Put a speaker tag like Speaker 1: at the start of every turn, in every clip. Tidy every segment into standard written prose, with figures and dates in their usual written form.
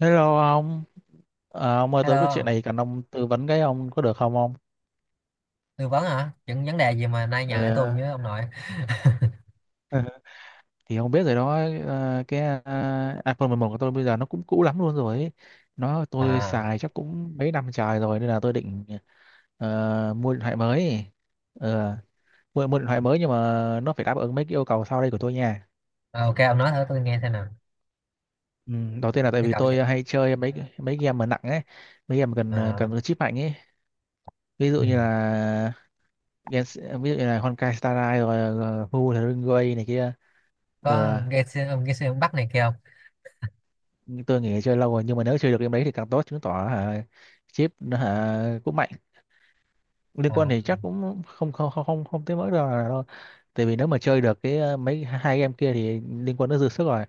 Speaker 1: Hello ông. Ông ơi, tôi có chuyện
Speaker 2: Hello,
Speaker 1: này cần ông tư vấn cái, ông có được không ông?
Speaker 2: tư vấn hả? Những vấn đề gì mà nay nhờ tới tôi
Speaker 1: Ờ,
Speaker 2: với ông nội?
Speaker 1: Ừ. Thì ông biết rồi đó, cái iPhone 11 của tôi bây giờ nó cũng cũ lắm luôn rồi ấy. Nó tôi
Speaker 2: À,
Speaker 1: xài chắc cũng mấy năm trời rồi nên là tôi định mua điện thoại mới. Ờ, mua điện thoại mới nhưng mà nó phải đáp ứng mấy cái yêu cầu sau đây của tôi nha.
Speaker 2: ờ, ok ông nói thử tôi nghe xem nào.
Speaker 1: Ừ, đầu tiên là tại
Speaker 2: Yêu
Speaker 1: vì
Speaker 2: cầu gì?
Speaker 1: tôi hay chơi mấy mấy game mà nặng ấy, mấy game cần
Speaker 2: À,
Speaker 1: cần chip mạnh ấy. Ví
Speaker 2: ừ.
Speaker 1: dụ như là Gen, ví dụ như là Honkai Star Rail rồi rồi Hu Thring Way này kia. Ừ,
Speaker 2: Có nghe xuyên ông Bắc này kia không?
Speaker 1: nhưng tôi nghĩ chơi lâu rồi, nhưng mà nếu chơi được game đấy thì càng tốt, chứng tỏ hả chip nó hả cũng mạnh. Liên quan
Speaker 2: À,
Speaker 1: thì chắc cũng không không không không, không tới mức đâu là đâu, tại vì nếu mà chơi được cái mấy hai game kia thì liên Quân nó dư sức rồi.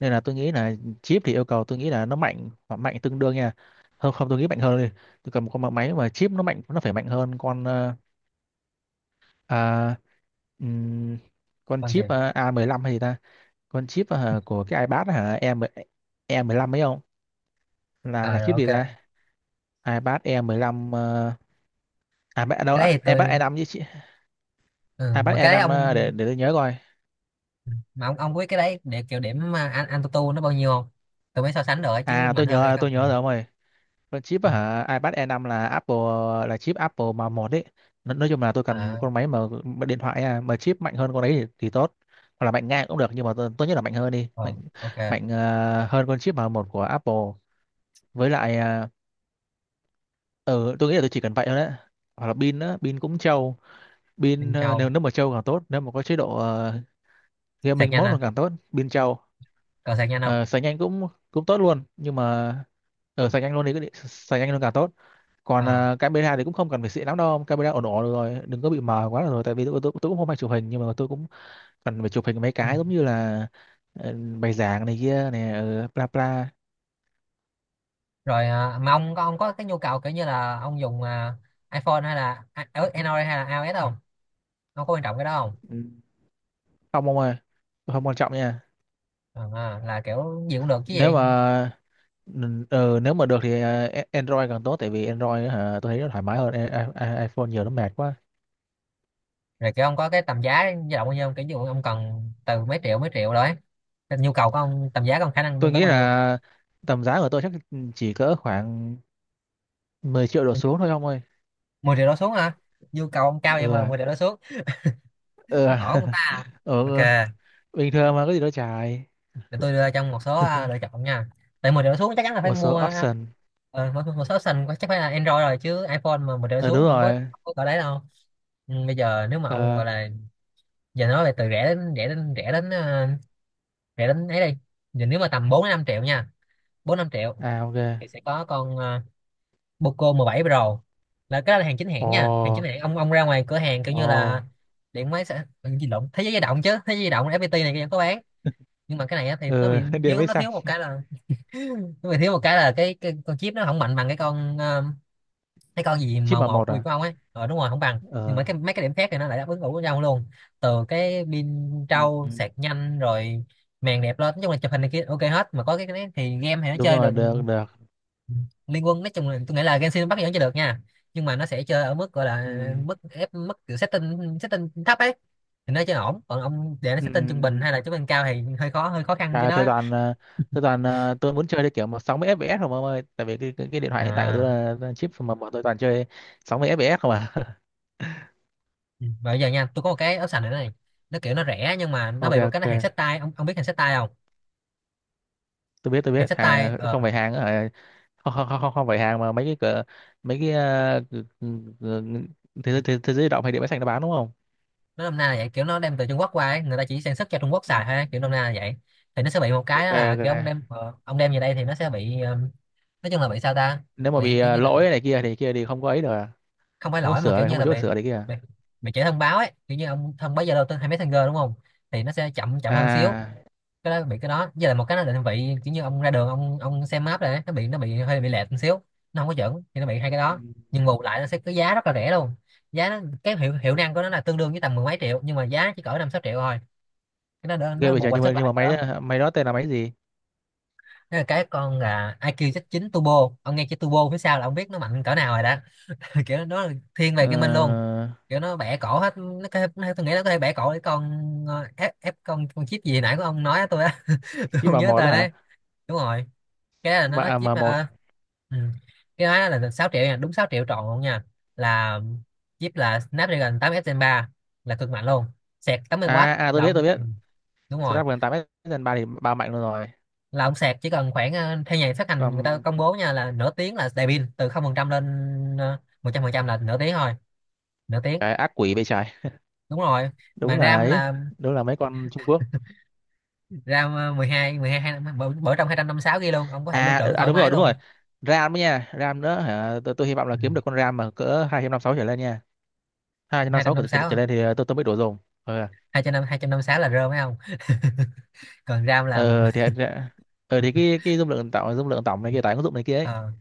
Speaker 1: Nên là tôi nghĩ là chip thì yêu cầu, tôi nghĩ là nó mạnh hoặc mạnh tương đương nha. Không không, tôi nghĩ mạnh hơn đi. Tôi cầm một con máy mà chip nó mạnh nó phải mạnh hơn con à, ừm, con
Speaker 2: con gì?
Speaker 1: chip a 15 hay gì ta. Con chip của cái iPad hả em, e 15 ấy không, là
Speaker 2: À,
Speaker 1: là
Speaker 2: rồi
Speaker 1: chip
Speaker 2: ok.
Speaker 1: gì
Speaker 2: Cái
Speaker 1: ta. iPad E15 ờ, đâu,
Speaker 2: đấy thì
Speaker 1: iPad e
Speaker 2: tôi
Speaker 1: 5 chứ chị.
Speaker 2: ừ,
Speaker 1: iPad
Speaker 2: mà
Speaker 1: e
Speaker 2: cái đấy
Speaker 1: 5
Speaker 2: ông
Speaker 1: ờ, để tôi nhớ coi.
Speaker 2: mà ông biết cái đấy để kiểu điểm à, anh tu tu nó bao nhiêu không? Tôi mới so sánh được ấy, chứ
Speaker 1: À,
Speaker 2: mạnh
Speaker 1: tôi
Speaker 2: hơn hay
Speaker 1: nhớ, tôi
Speaker 2: không? Ừ.
Speaker 1: nhớ rồi ông ơi, con chip
Speaker 2: ừ.
Speaker 1: hả iPad e 5 là Apple, là chip Apple mà một đấy. Nói chung là tôi cần một
Speaker 2: À,
Speaker 1: con máy mà điện thoại à, mà chip mạnh hơn con đấy thì tốt, hoặc là mạnh ngang cũng được, nhưng mà tốt nhất là mạnh hơn đi, mạnh,
Speaker 2: ờ, ok.
Speaker 1: mạnh hơn con chip mà một của Apple. Với lại ừ, tôi nghĩ là tôi chỉ cần vậy thôi đấy, hoặc là pin á, pin cũng trâu. Pin
Speaker 2: Minh
Speaker 1: nếu
Speaker 2: Châu.
Speaker 1: nếu mà trâu càng tốt, nếu mà có chế độ
Speaker 2: Sạc
Speaker 1: gaming
Speaker 2: nhanh
Speaker 1: mode
Speaker 2: à?
Speaker 1: là càng tốt, pin trâu.
Speaker 2: Còn sạc nhanh không?
Speaker 1: Ờ, sạc nhanh cũng cũng tốt luôn, nhưng mà ở sạc nhanh luôn thì sạc nhanh luôn càng tốt. Còn
Speaker 2: À,
Speaker 1: camera thì cũng không cần phải xịn lắm đâu, camera ổn ổn được rồi, đừng có bị mờ quá là rồi, tại vì tôi cũng không hay chụp hình, nhưng mà tôi cũng cần phải chụp hình mấy
Speaker 2: ừ.
Speaker 1: cái giống như là bài giảng này kia này, bla bla.
Speaker 2: Rồi à, mà ông có cái nhu cầu kiểu như là ông dùng à, iPhone hay là à, ở Android hay là iOS không, ông có quan trọng cái đó không?
Speaker 1: Ừ, không ông ơi, tôi không quan trọng nha.
Speaker 2: À, là kiểu gì cũng được chứ
Speaker 1: Nếu
Speaker 2: gì?
Speaker 1: mà Ừ, nếu mà được thì Android càng tốt, tại vì Android á hả tôi thấy nó thoải mái hơn iPhone nhiều, nó mệt quá.
Speaker 2: Rồi kiểu ông có cái tầm giá dao động bao nhiêu không? Kiểu như ông cần từ mấy triệu rồi ấy. Cái nhu cầu của ông tầm giá của ông khả năng
Speaker 1: Tôi
Speaker 2: lên tới
Speaker 1: nghĩ
Speaker 2: bao nhiêu?
Speaker 1: là tầm giá của tôi chắc chỉ cỡ khoảng 10 triệu đổ xuống thôi ông ơi.
Speaker 2: 10 triệu đổ xuống hả? Nhu cầu ông cao vậy
Speaker 1: Ừ
Speaker 2: mà
Speaker 1: à,
Speaker 2: 10 triệu đổ xuống
Speaker 1: ừ, à.
Speaker 2: ổn người ta.
Speaker 1: Ừ,
Speaker 2: Ok,
Speaker 1: bình thường mà có gì đâu xài.
Speaker 2: để tôi đưa trong một số à, lựa chọn nha. Tại 10 triệu đổ xuống chắc chắn là phải
Speaker 1: Một số
Speaker 2: mua à,
Speaker 1: option.
Speaker 2: một số option chắc phải là Android rồi chứ iPhone mà 10 triệu đổ
Speaker 1: Ờ
Speaker 2: xuống
Speaker 1: đúng
Speaker 2: không có,
Speaker 1: rồi.
Speaker 2: không có cỡ đấy đâu. Nhưng bây giờ nếu mà ông
Speaker 1: Ờ.
Speaker 2: gọi là giờ nói về từ rẻ đến rẻ đến ấy đây. Giờ nếu mà tầm 4-5 triệu nha, 4-5 triệu
Speaker 1: À ok.
Speaker 2: thì sẽ có con Poco 17 Pro. Là cái đó là hàng chính hãng nha, hàng chính
Speaker 1: Ồ.
Speaker 2: hãng ông ra ngoài cửa hàng kiểu
Speaker 1: Ồ.
Speaker 2: như là điện máy sẽ gì lộn, thế giới di động chứ thế giới di động FPT này vẫn có bán. Nhưng mà cái này á, thì nó
Speaker 1: Ừ.
Speaker 2: bị
Speaker 1: Điện
Speaker 2: thiếu,
Speaker 1: máy
Speaker 2: nó
Speaker 1: xanh.
Speaker 2: thiếu một cái là nó bị thiếu một cái là cái con chip nó không mạnh bằng cái con cái con gì
Speaker 1: Chip
Speaker 2: màu
Speaker 1: mà
Speaker 2: một
Speaker 1: một
Speaker 2: của Việt
Speaker 1: à.
Speaker 2: của ông ấy. Ờ đúng rồi, không bằng nhưng
Speaker 1: Ờ.
Speaker 2: mà cái mấy cái điểm khác thì nó lại đáp ứng đủ với nhau luôn. Từ cái pin
Speaker 1: Ừ.
Speaker 2: trâu
Speaker 1: Ừ.
Speaker 2: sạc nhanh rồi màn đẹp lên, nói chung là chụp hình này kia ok hết, mà có cái, đấy thì game thì nó
Speaker 1: Đúng
Speaker 2: chơi
Speaker 1: rồi,
Speaker 2: được.
Speaker 1: được, được.
Speaker 2: Liên quân nói chung là tôi nghĩ là Genshin Impact vẫn chơi được nha. Nhưng mà nó sẽ chơi ở mức gọi là
Speaker 1: Ừ.
Speaker 2: mức ép mức kiểu setting setting thấp ấy. Thì nó chơi ổn, còn ông để nó setting trung bình
Speaker 1: Ừ.
Speaker 2: hay là trung bình cao thì hơi khó, hơi khó khăn cho
Speaker 1: À, tôi
Speaker 2: nó.
Speaker 1: toàn tôi toàn tôi muốn chơi cái kiểu mà 60 FPS không ông ơi, tại vì cái điện thoại hiện tại của tôi
Speaker 2: À,
Speaker 1: là chip mà bọn tôi toàn chơi 60 FPS không à.
Speaker 2: ừ. Và bây giờ nha, tôi có một cái áo sành nữa này. Nó kiểu nó rẻ nhưng mà nó
Speaker 1: Ok
Speaker 2: bị một cái,
Speaker 1: ok,
Speaker 2: nó hàng xách tay, ông biết hàng xách tay không?
Speaker 1: tôi
Speaker 2: Hàng
Speaker 1: biết
Speaker 2: xách tay
Speaker 1: hàng
Speaker 2: ờ,
Speaker 1: không phải hàng hả? Không, không, không, không không phải hàng mà mấy cái cửa, mấy cái cử- thế giới, thế giới di động hay điện máy xanh nó bán đúng không?
Speaker 2: nó nôm na là vậy, kiểu nó đem từ Trung Quốc qua ấy. Người ta chỉ sản xuất cho Trung Quốc
Speaker 1: Ừ.
Speaker 2: xài thôi ấy, kiểu nôm na là vậy. Thì nó sẽ bị một cái
Speaker 1: Ok
Speaker 2: đó là
Speaker 1: ok.
Speaker 2: kiểu ông đem ông đem về đây thì nó sẽ bị nói chung là bị sao ta.
Speaker 1: Nếu mà
Speaker 2: Bị
Speaker 1: bị
Speaker 2: kiểu như là
Speaker 1: lỗi này kia thì không có ấy được à?
Speaker 2: không phải
Speaker 1: Không có
Speaker 2: lỗi mà
Speaker 1: sửa
Speaker 2: kiểu
Speaker 1: này,
Speaker 2: như
Speaker 1: không có
Speaker 2: là
Speaker 1: chỗ để
Speaker 2: bị
Speaker 1: sửa này kia à?
Speaker 2: bị, bị trễ thông báo ấy, kiểu như ông thông báo Zalo tới hay Messenger đúng không. Thì nó sẽ chậm, chậm hơn xíu.
Speaker 1: À.
Speaker 2: Cái đó bị, cái đó với lại một cái nó định vị kiểu như ông ra đường, ông xem map này, nó bị hơi bị lệch một xíu. Nó không có chuẩn thì nó bị hai cái
Speaker 1: Ừ.
Speaker 2: đó. Nhưng bù lại nó sẽ có giá rất là rẻ luôn. Giá nó, cái hiệu hiệu năng của nó là tương đương với tầm mười mấy triệu nhưng mà giá chỉ cỡ 5-6 triệu thôi. Cái đó đỡ-
Speaker 1: Ghê
Speaker 2: nó
Speaker 1: bây
Speaker 2: bù
Speaker 1: giờ,
Speaker 2: qua sức
Speaker 1: nhưng mà
Speaker 2: lại cái
Speaker 1: máy
Speaker 2: đó.
Speaker 1: máy đó tên là máy gì?
Speaker 2: Thế là cái con là IQ Z9 Turbo, ông nghe chữ Turbo phía sau là ông biết nó mạnh cỡ nào rồi đó. Kiểu nó là thiên về
Speaker 1: Ờ,
Speaker 2: gaming luôn. Kiểu nó bẻ cổ hết, nó có thể- nó, tôi nghĩ nó có thể bẻ cổ cái con ép ép con chip gì nãy của ông nói á tôi á. Tôi
Speaker 1: chip
Speaker 2: không
Speaker 1: vào
Speaker 2: nhớ
Speaker 1: một đó
Speaker 2: tên
Speaker 1: hả?
Speaker 2: đấy. Đúng rồi, cái đó là
Speaker 1: M
Speaker 2: nó chip
Speaker 1: m một.
Speaker 2: ừ. Cái đó là 6 triệu nha, đúng 6 triệu trọn luôn nha, là chip là Snapdragon 8 Gen 3 là cực mạnh luôn. Sạc 80W
Speaker 1: À à, tôi
Speaker 2: là
Speaker 1: biết
Speaker 2: ông
Speaker 1: tôi biết.
Speaker 2: đúng rồi.
Speaker 1: Snapdragon 8S Gen 3 thì ba mạnh luôn rồi.
Speaker 2: Là ông sạc chỉ cần khoảng theo nhà phát hành người ta
Speaker 1: Còn
Speaker 2: công bố nha, là nửa tiếng là đầy pin từ 0% lên 100%, là nửa tiếng thôi. Nửa tiếng
Speaker 1: cái ác quỷ bên trái,
Speaker 2: đúng rồi.
Speaker 1: đúng
Speaker 2: Mà
Speaker 1: là
Speaker 2: RAM
Speaker 1: ấy,
Speaker 2: là
Speaker 1: đúng là mấy con Trung Quốc.
Speaker 2: RAM mười hai bổ, trong 256 GB luôn, ông có thể lưu trữ
Speaker 1: À
Speaker 2: thoải
Speaker 1: đúng
Speaker 2: mái
Speaker 1: rồi, đúng
Speaker 2: luôn.
Speaker 1: rồi. RAM ấy nha, RAM nữa hả, tôi hy vọng là
Speaker 2: Ừ,
Speaker 1: kiếm được con RAM mà cỡ 256 trở lên nha.
Speaker 2: hai trăm
Speaker 1: 256
Speaker 2: năm
Speaker 1: trở,
Speaker 2: mươi
Speaker 1: trở,
Speaker 2: sáu
Speaker 1: trở lên thì ờ, tôi mới đủ dùng. Ờ.
Speaker 2: 256 là rơ phải không? Còn RAM là,
Speaker 1: Ờ thì thì cái dung lượng tổng, dung lượng tổng này kia, tải ứng dụng này kia ấy.
Speaker 2: ờ,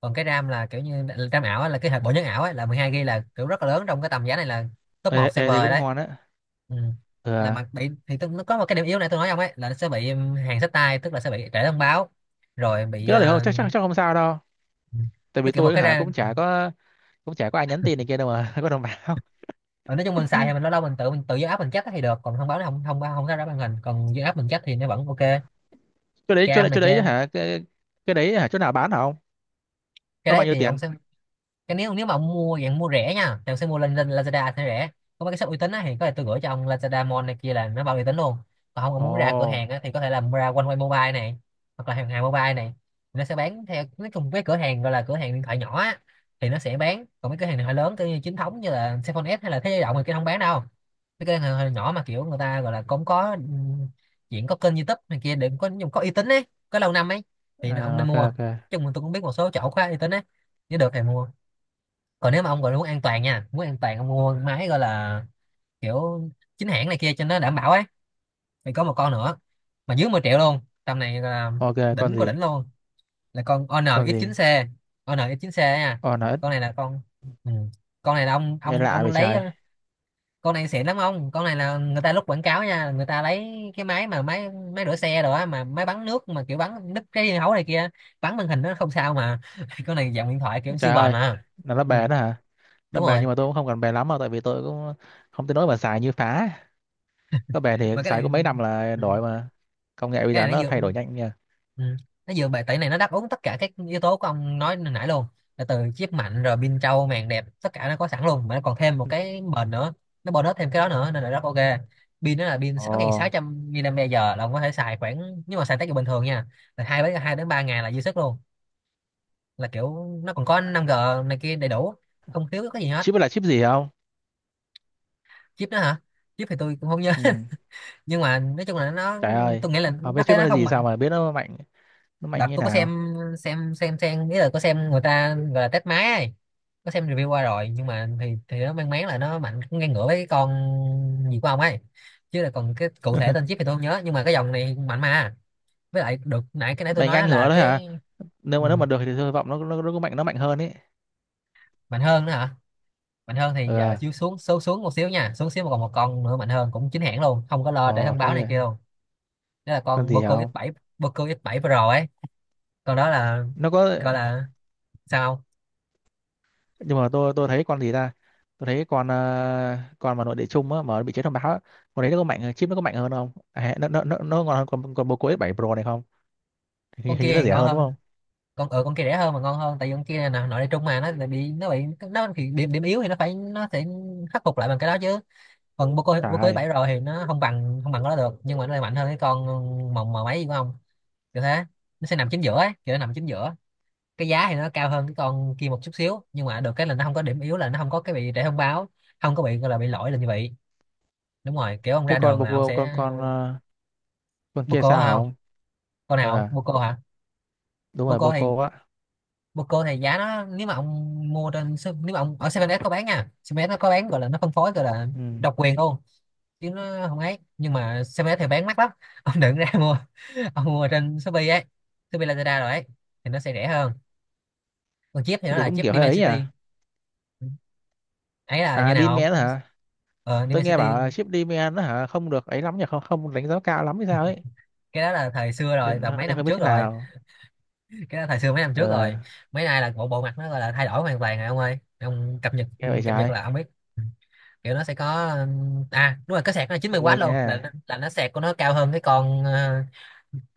Speaker 2: còn cái RAM là kiểu như RAM ảo á, là cái hạt bộ nhớ ảo ấy, là 12 GB là kiểu rất là lớn trong cái tầm giá này, là top
Speaker 1: Ê,
Speaker 2: một
Speaker 1: ê,
Speaker 2: server
Speaker 1: Thì
Speaker 2: rồi
Speaker 1: cũng
Speaker 2: đấy.
Speaker 1: ngon á.
Speaker 2: Ừ. Là
Speaker 1: Ờ.
Speaker 2: mặt bị thì tôi, nó có một cái điểm yếu này tôi nói ông ấy là nó sẽ bị hàng sách tay, tức là sẽ bị trễ thông báo rồi bị
Speaker 1: Cái đó thì không, chắc chắc chắc không sao đâu, tại
Speaker 2: với
Speaker 1: vì
Speaker 2: kiểu một
Speaker 1: tôi
Speaker 2: cái
Speaker 1: hả
Speaker 2: ra.
Speaker 1: cũng chả có, cũng chả có ai nhắn tin này kia đâu mà. Có đồng bào.
Speaker 2: Ờ, nói chung mình xài thì mình lâu lâu mình tự do app mình check thì được, còn thông báo nó không thông không ra ra màn hình, còn do app mình check thì nó vẫn ok
Speaker 1: chỗ đấy chỗ
Speaker 2: cam
Speaker 1: đấy
Speaker 2: này
Speaker 1: chỗ đấy
Speaker 2: kia.
Speaker 1: hả cái đấy hả, chỗ nào bán hả ông?
Speaker 2: Cái
Speaker 1: Nó
Speaker 2: đấy
Speaker 1: bao nhiêu
Speaker 2: thì ông
Speaker 1: tiền?
Speaker 2: sẽ, cái nếu nếu mà ông mua dạng mua rẻ nha thì ông sẽ mua lên lên Lazada thì rẻ. Có mấy cái shop uy tín á thì có thể tôi gửi cho ông, Lazada Mall này kia là nó bao uy tín luôn. Còn không ông muốn ra cửa
Speaker 1: Ồ.
Speaker 2: hàng á thì có thể là ra One Way Mobile này, hoặc là hàng hàng mobile này. Nó sẽ bán theo, nói chung cái cửa hàng gọi là cửa hàng điện thoại nhỏ á thì nó sẽ bán. Còn mấy cửa hàng điện thoại lớn kiểu như chính thống như là Cellphone S hay là Thế Giới Động thì kia không bán đâu. Mấy cửa hàng điện nhỏ mà kiểu người ta gọi là cũng có chuyện có kênh YouTube này kia để có dùng có uy tín ấy, có lâu năm ấy thì nó ông
Speaker 1: À,
Speaker 2: nên
Speaker 1: ok
Speaker 2: mua.
Speaker 1: ok.
Speaker 2: Chung là tôi cũng biết một số chỗ khá uy tín ấy, nếu được thì mua. Còn nếu mà ông gọi là muốn an toàn nha, muốn an toàn ông mua máy gọi là kiểu chính hãng này kia cho nó đảm bảo ấy, thì có một con nữa mà dưới 10 triệu luôn, tầm này gọi là
Speaker 1: Ok, con
Speaker 2: đỉnh của
Speaker 1: gì?
Speaker 2: đỉnh luôn, là con
Speaker 1: Con gì?
Speaker 2: NX9C. NX9C ấy nha.
Speaker 1: Ồ nó ít.
Speaker 2: Con này là con ừ, con này là ông
Speaker 1: Nghe
Speaker 2: ông
Speaker 1: lạ
Speaker 2: ông
Speaker 1: vậy
Speaker 2: lấy
Speaker 1: trời.
Speaker 2: con này xịn lắm ông, con này là người ta lúc quảng cáo nha, người ta lấy cái máy mà máy máy rửa xe rồi á mà máy bắn nước mà kiểu bắn đứt cái hấu này kia, bắn màn hình nó không sao mà. Con này dạng điện thoại kiểu siêu
Speaker 1: Trời
Speaker 2: bền
Speaker 1: ơi,
Speaker 2: mà.
Speaker 1: là nó
Speaker 2: Ừ,
Speaker 1: bền đó hả? Nó
Speaker 2: đúng
Speaker 1: bền
Speaker 2: rồi.
Speaker 1: nhưng mà tôi cũng không cần bền lắm đâu, tại vì tôi cũng không tới nỗi mà xài như phá, có bền thì
Speaker 2: Mà cái
Speaker 1: xài có
Speaker 2: này
Speaker 1: mấy năm là
Speaker 2: ừ,
Speaker 1: đổi mà, công nghệ bây
Speaker 2: cái
Speaker 1: giờ
Speaker 2: này nó
Speaker 1: nó
Speaker 2: dựa
Speaker 1: thay đổi nhanh nha.
Speaker 2: ừ, nó dựa bài tẩy này, nó đáp ứng tất cả các yếu tố của ông nói hồi nãy luôn. Là từ chip mạnh rồi pin trâu màn đẹp, tất cả nó có sẵn luôn, mà nó còn thêm một cái bền nữa. Nó bonus thêm cái đó nữa nên là rất ok. Pin nó là pin
Speaker 1: Ồ,
Speaker 2: 6.600 mAh là ông có thể xài khoảng, nhưng mà xài tới bình thường nha là 2-3 ngày là dư sức luôn. Là kiểu nó còn có 5G này kia đầy đủ, không thiếu cái gì hết.
Speaker 1: chip là chip gì không?
Speaker 2: Chip đó hả? Chip thì tôi cũng không nhớ.
Speaker 1: Ừ.
Speaker 2: Nhưng mà nói chung là nó,
Speaker 1: Trời ơi,
Speaker 2: tôi nghĩ là
Speaker 1: không
Speaker 2: nó
Speaker 1: biết chip
Speaker 2: cái
Speaker 1: nó
Speaker 2: nó
Speaker 1: là
Speaker 2: không
Speaker 1: gì sao
Speaker 2: mạnh.
Speaker 1: mà biết nó mạnh, nó mạnh
Speaker 2: Đợt
Speaker 1: như
Speaker 2: tôi có
Speaker 1: nào.
Speaker 2: xem xem nghĩa là có xem người ta gọi là test máy ấy. Có xem review qua rồi nhưng mà thì nó mang máng là nó mạnh cũng ngang ngửa với cái con gì của ông ấy, chứ là còn cái cụ thể tên chip thì tôi không nhớ, nhưng mà cái dòng này mạnh mà. Với lại được nãy cái nãy tôi
Speaker 1: Mạnh ngang
Speaker 2: nói là
Speaker 1: ngửa đấy hả?
Speaker 2: cái
Speaker 1: Nếu
Speaker 2: ừ,
Speaker 1: mà nó mà được thì tôi hy vọng nó có mạnh, nó mạnh hơn ý.
Speaker 2: mạnh hơn nữa hả? Mạnh hơn thì giờ
Speaker 1: Ờ.
Speaker 2: xíu xuống số xuống một xíu nha, xuống xíu mà còn một con nữa mạnh hơn cũng chính hãng luôn, không có lo để
Speaker 1: Ờ.
Speaker 2: thông báo
Speaker 1: Thế
Speaker 2: này kia
Speaker 1: à.
Speaker 2: luôn. Đó là
Speaker 1: Con
Speaker 2: con
Speaker 1: gì hả
Speaker 2: Poco
Speaker 1: không?
Speaker 2: X7, Poco X7 Pro ấy. Còn đó là
Speaker 1: Nó có.
Speaker 2: gọi là sao không?
Speaker 1: Nhưng mà tôi thấy con gì ta, tôi thấy con ờ, con mà nội địa chung á mà bị chế thông báo á, con đấy nó có mạnh hơn, chip nó có mạnh hơn không à, nó ngon hơn con bô cô s 7 Pro này không? hình,
Speaker 2: Con
Speaker 1: hình như
Speaker 2: kia
Speaker 1: nó
Speaker 2: thì
Speaker 1: rẻ
Speaker 2: ngon
Speaker 1: hơn đúng không?
Speaker 2: hơn, con ở con kia rẻ hơn mà ngon hơn, tại vì con kia là nội địa trung mà nó bị nó thì điểm điểm yếu thì nó sẽ khắc phục lại bằng cái đó chứ. Còn boco boco bô
Speaker 1: Trời
Speaker 2: cô
Speaker 1: ơi.
Speaker 2: bảy rồi thì nó không bằng cái đó được, nhưng mà nó lại mạnh hơn cái con mồng mà mấy của ông, kiểu thế. Nó sẽ nằm chính giữa ấy, kiểu nó nằm chính giữa. Cái giá thì nó cao hơn cái con kia một chút xíu, nhưng mà được cái là nó không có điểm yếu, là nó không có cái bị trễ thông báo, không có bị gọi là bị lỗi là như vậy. Đúng rồi, kiểu ông
Speaker 1: Thế
Speaker 2: ra
Speaker 1: con
Speaker 2: đường là ông
Speaker 1: con
Speaker 2: sẽ.
Speaker 1: con ờ, con kia
Speaker 2: Boco
Speaker 1: sao hả
Speaker 2: hả không?
Speaker 1: không?
Speaker 2: Con nào
Speaker 1: Ờ
Speaker 2: không bô hả?
Speaker 1: đúng rồi,
Speaker 2: Boco
Speaker 1: bô
Speaker 2: thì
Speaker 1: cô á.
Speaker 2: bồ câu này giá nó, nếu mà ông mua trên nếu mà ông ở 7S có bán nha, 7S nó có bán, gọi là nó phân phối, gọi là
Speaker 1: Ừ.
Speaker 2: độc quyền luôn, chứ nó không ấy. Nhưng mà 7S thì bán mắc lắm ông đừng ra mua, ông mua trên Shopee ấy, Shopee Lazada rồi ấy thì nó sẽ rẻ hơn. Còn chip thì
Speaker 1: Thế
Speaker 2: nó
Speaker 1: thì
Speaker 2: là
Speaker 1: cũng
Speaker 2: chip
Speaker 1: kiểu hơi ấy
Speaker 2: Dimensity.
Speaker 1: à.
Speaker 2: Ấy là như
Speaker 1: À
Speaker 2: nào
Speaker 1: Demand
Speaker 2: không?
Speaker 1: hả?
Speaker 2: Ờ,
Speaker 1: Tôi nghe
Speaker 2: Dimensity.
Speaker 1: bảo là chip Demand nó hả không được ấy lắm nhỉ, không không đánh giá cao lắm hay sao ấy,
Speaker 2: Cái đó là thời xưa rồi,
Speaker 1: nên
Speaker 2: tầm mấy
Speaker 1: nên
Speaker 2: năm
Speaker 1: không biết
Speaker 2: trước
Speaker 1: thế
Speaker 2: rồi,
Speaker 1: nào.
Speaker 2: cái đó thời xưa mấy năm trước
Speaker 1: Ờ,
Speaker 2: rồi. Mấy nay là bộ bộ mặt nó gọi là thay đổi hoàn toàn rồi ông ơi, ông cập nhật.
Speaker 1: nghe vậy
Speaker 2: Cập nhật
Speaker 1: trái.
Speaker 2: là ông biết. Ừ. Kiểu nó sẽ có à đúng rồi, cái sạc nó là chín mươi
Speaker 1: Nghe
Speaker 2: w luôn,
Speaker 1: nha.
Speaker 2: là là nó sạc của nó cao hơn cái con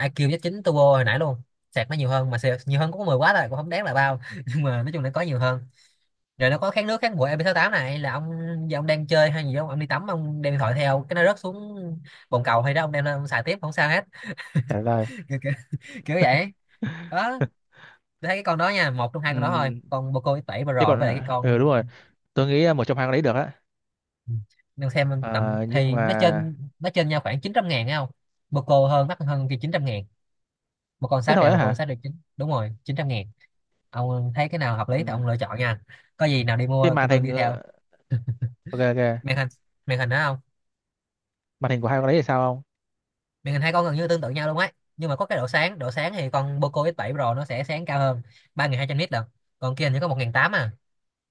Speaker 2: IQ Z9 Turbo hồi nãy luôn. Sạc nó nhiều hơn, mà sạc nhiều hơn cũng có 10 W rồi, cũng không đáng là bao nhưng mà nói chung là có nhiều hơn. Rồi nó có kháng nước kháng bụi mp tám, này là ông giờ ông đang chơi hay gì không, ông đi tắm ông đem điện thoại theo, cái nó rớt xuống bồn cầu hay đó, ông đem lên ông xài tiếp không sao hết
Speaker 1: Trả lời.
Speaker 2: kiểu, kiểu, kiểu vậy đó. Tôi thấy cái con đó nha, một trong hai con đó thôi,
Speaker 1: Ừm,
Speaker 2: con Poco X7
Speaker 1: chứ
Speaker 2: Pro
Speaker 1: còn
Speaker 2: với lại cái
Speaker 1: ừ đúng
Speaker 2: con.
Speaker 1: rồi, tôi nghĩ một trong hai con đấy được á.
Speaker 2: Ừ. Đang xem tầm
Speaker 1: Ờ, nhưng
Speaker 2: thì
Speaker 1: mà
Speaker 2: nó trên nhau khoảng 900.000 thấy không, một cô hơn mắc hơn kia 900.000, một con
Speaker 1: thế
Speaker 2: 6
Speaker 1: thôi
Speaker 2: triệu
Speaker 1: á
Speaker 2: một con
Speaker 1: hả.
Speaker 2: 6,9 triệu, đúng rồi 900.000. Ông thấy cái nào hợp lý thì
Speaker 1: Ừm,
Speaker 2: ông lựa chọn nha, có gì nào đi
Speaker 1: cái
Speaker 2: mua cái
Speaker 1: màn
Speaker 2: tôi
Speaker 1: hình
Speaker 2: đi theo.
Speaker 1: ờ, ok ok,
Speaker 2: Màn hình, màn hình đó không?
Speaker 1: màn hình của hai con đấy thì sao không?
Speaker 2: Màn hình hai con gần như tương tự nhau luôn ấy, nhưng mà có cái độ sáng, độ sáng thì con Poco x bảy Pro nó sẽ sáng cao hơn, 3.200 nit được, còn kia hình như có 1.800 à.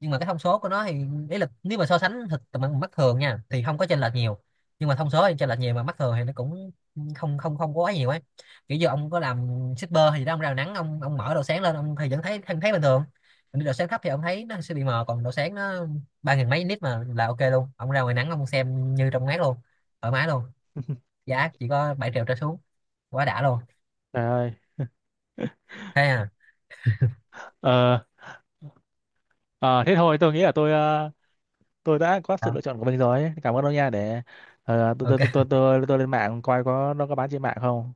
Speaker 2: Nhưng mà cái thông số của nó thì, ý là nếu mà so sánh thực tầm mắt thường nha thì không có chênh lệch nhiều. Nhưng mà thông số thì chênh lệch nhiều, mà mắt thường thì nó cũng không không không có quá nhiều ấy. Kiểu như ông có làm shipper thì đó, ông ra nắng, ông mở độ sáng lên ông thì vẫn thấy bình thường. Còn độ sáng thấp thì ông thấy nó sẽ bị mờ, còn độ sáng nó ba nghìn mấy nít mà là ok luôn, ông ra ngoài nắng ông xem như trong mát luôn, thoải mái luôn. Giá chỉ có 7 triệu trở xuống, quá đã luôn.
Speaker 1: Trời ơi.
Speaker 2: Thế à.
Speaker 1: Ờ. Ờ, thế thôi tôi nghĩ là tôi ờ, tôi đã có sự lựa chọn của mình rồi, cảm ơn ông nha. Để tôi, tôi tôi
Speaker 2: Ok
Speaker 1: tôi tôi tôi lên mạng coi có nó có bán trên mạng không.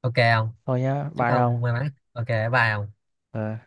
Speaker 2: ok không.
Speaker 1: Thôi nhá,
Speaker 2: Chúc
Speaker 1: bye
Speaker 2: ông
Speaker 1: ông.
Speaker 2: may mắn, ok, bye ông.
Speaker 1: Ờ.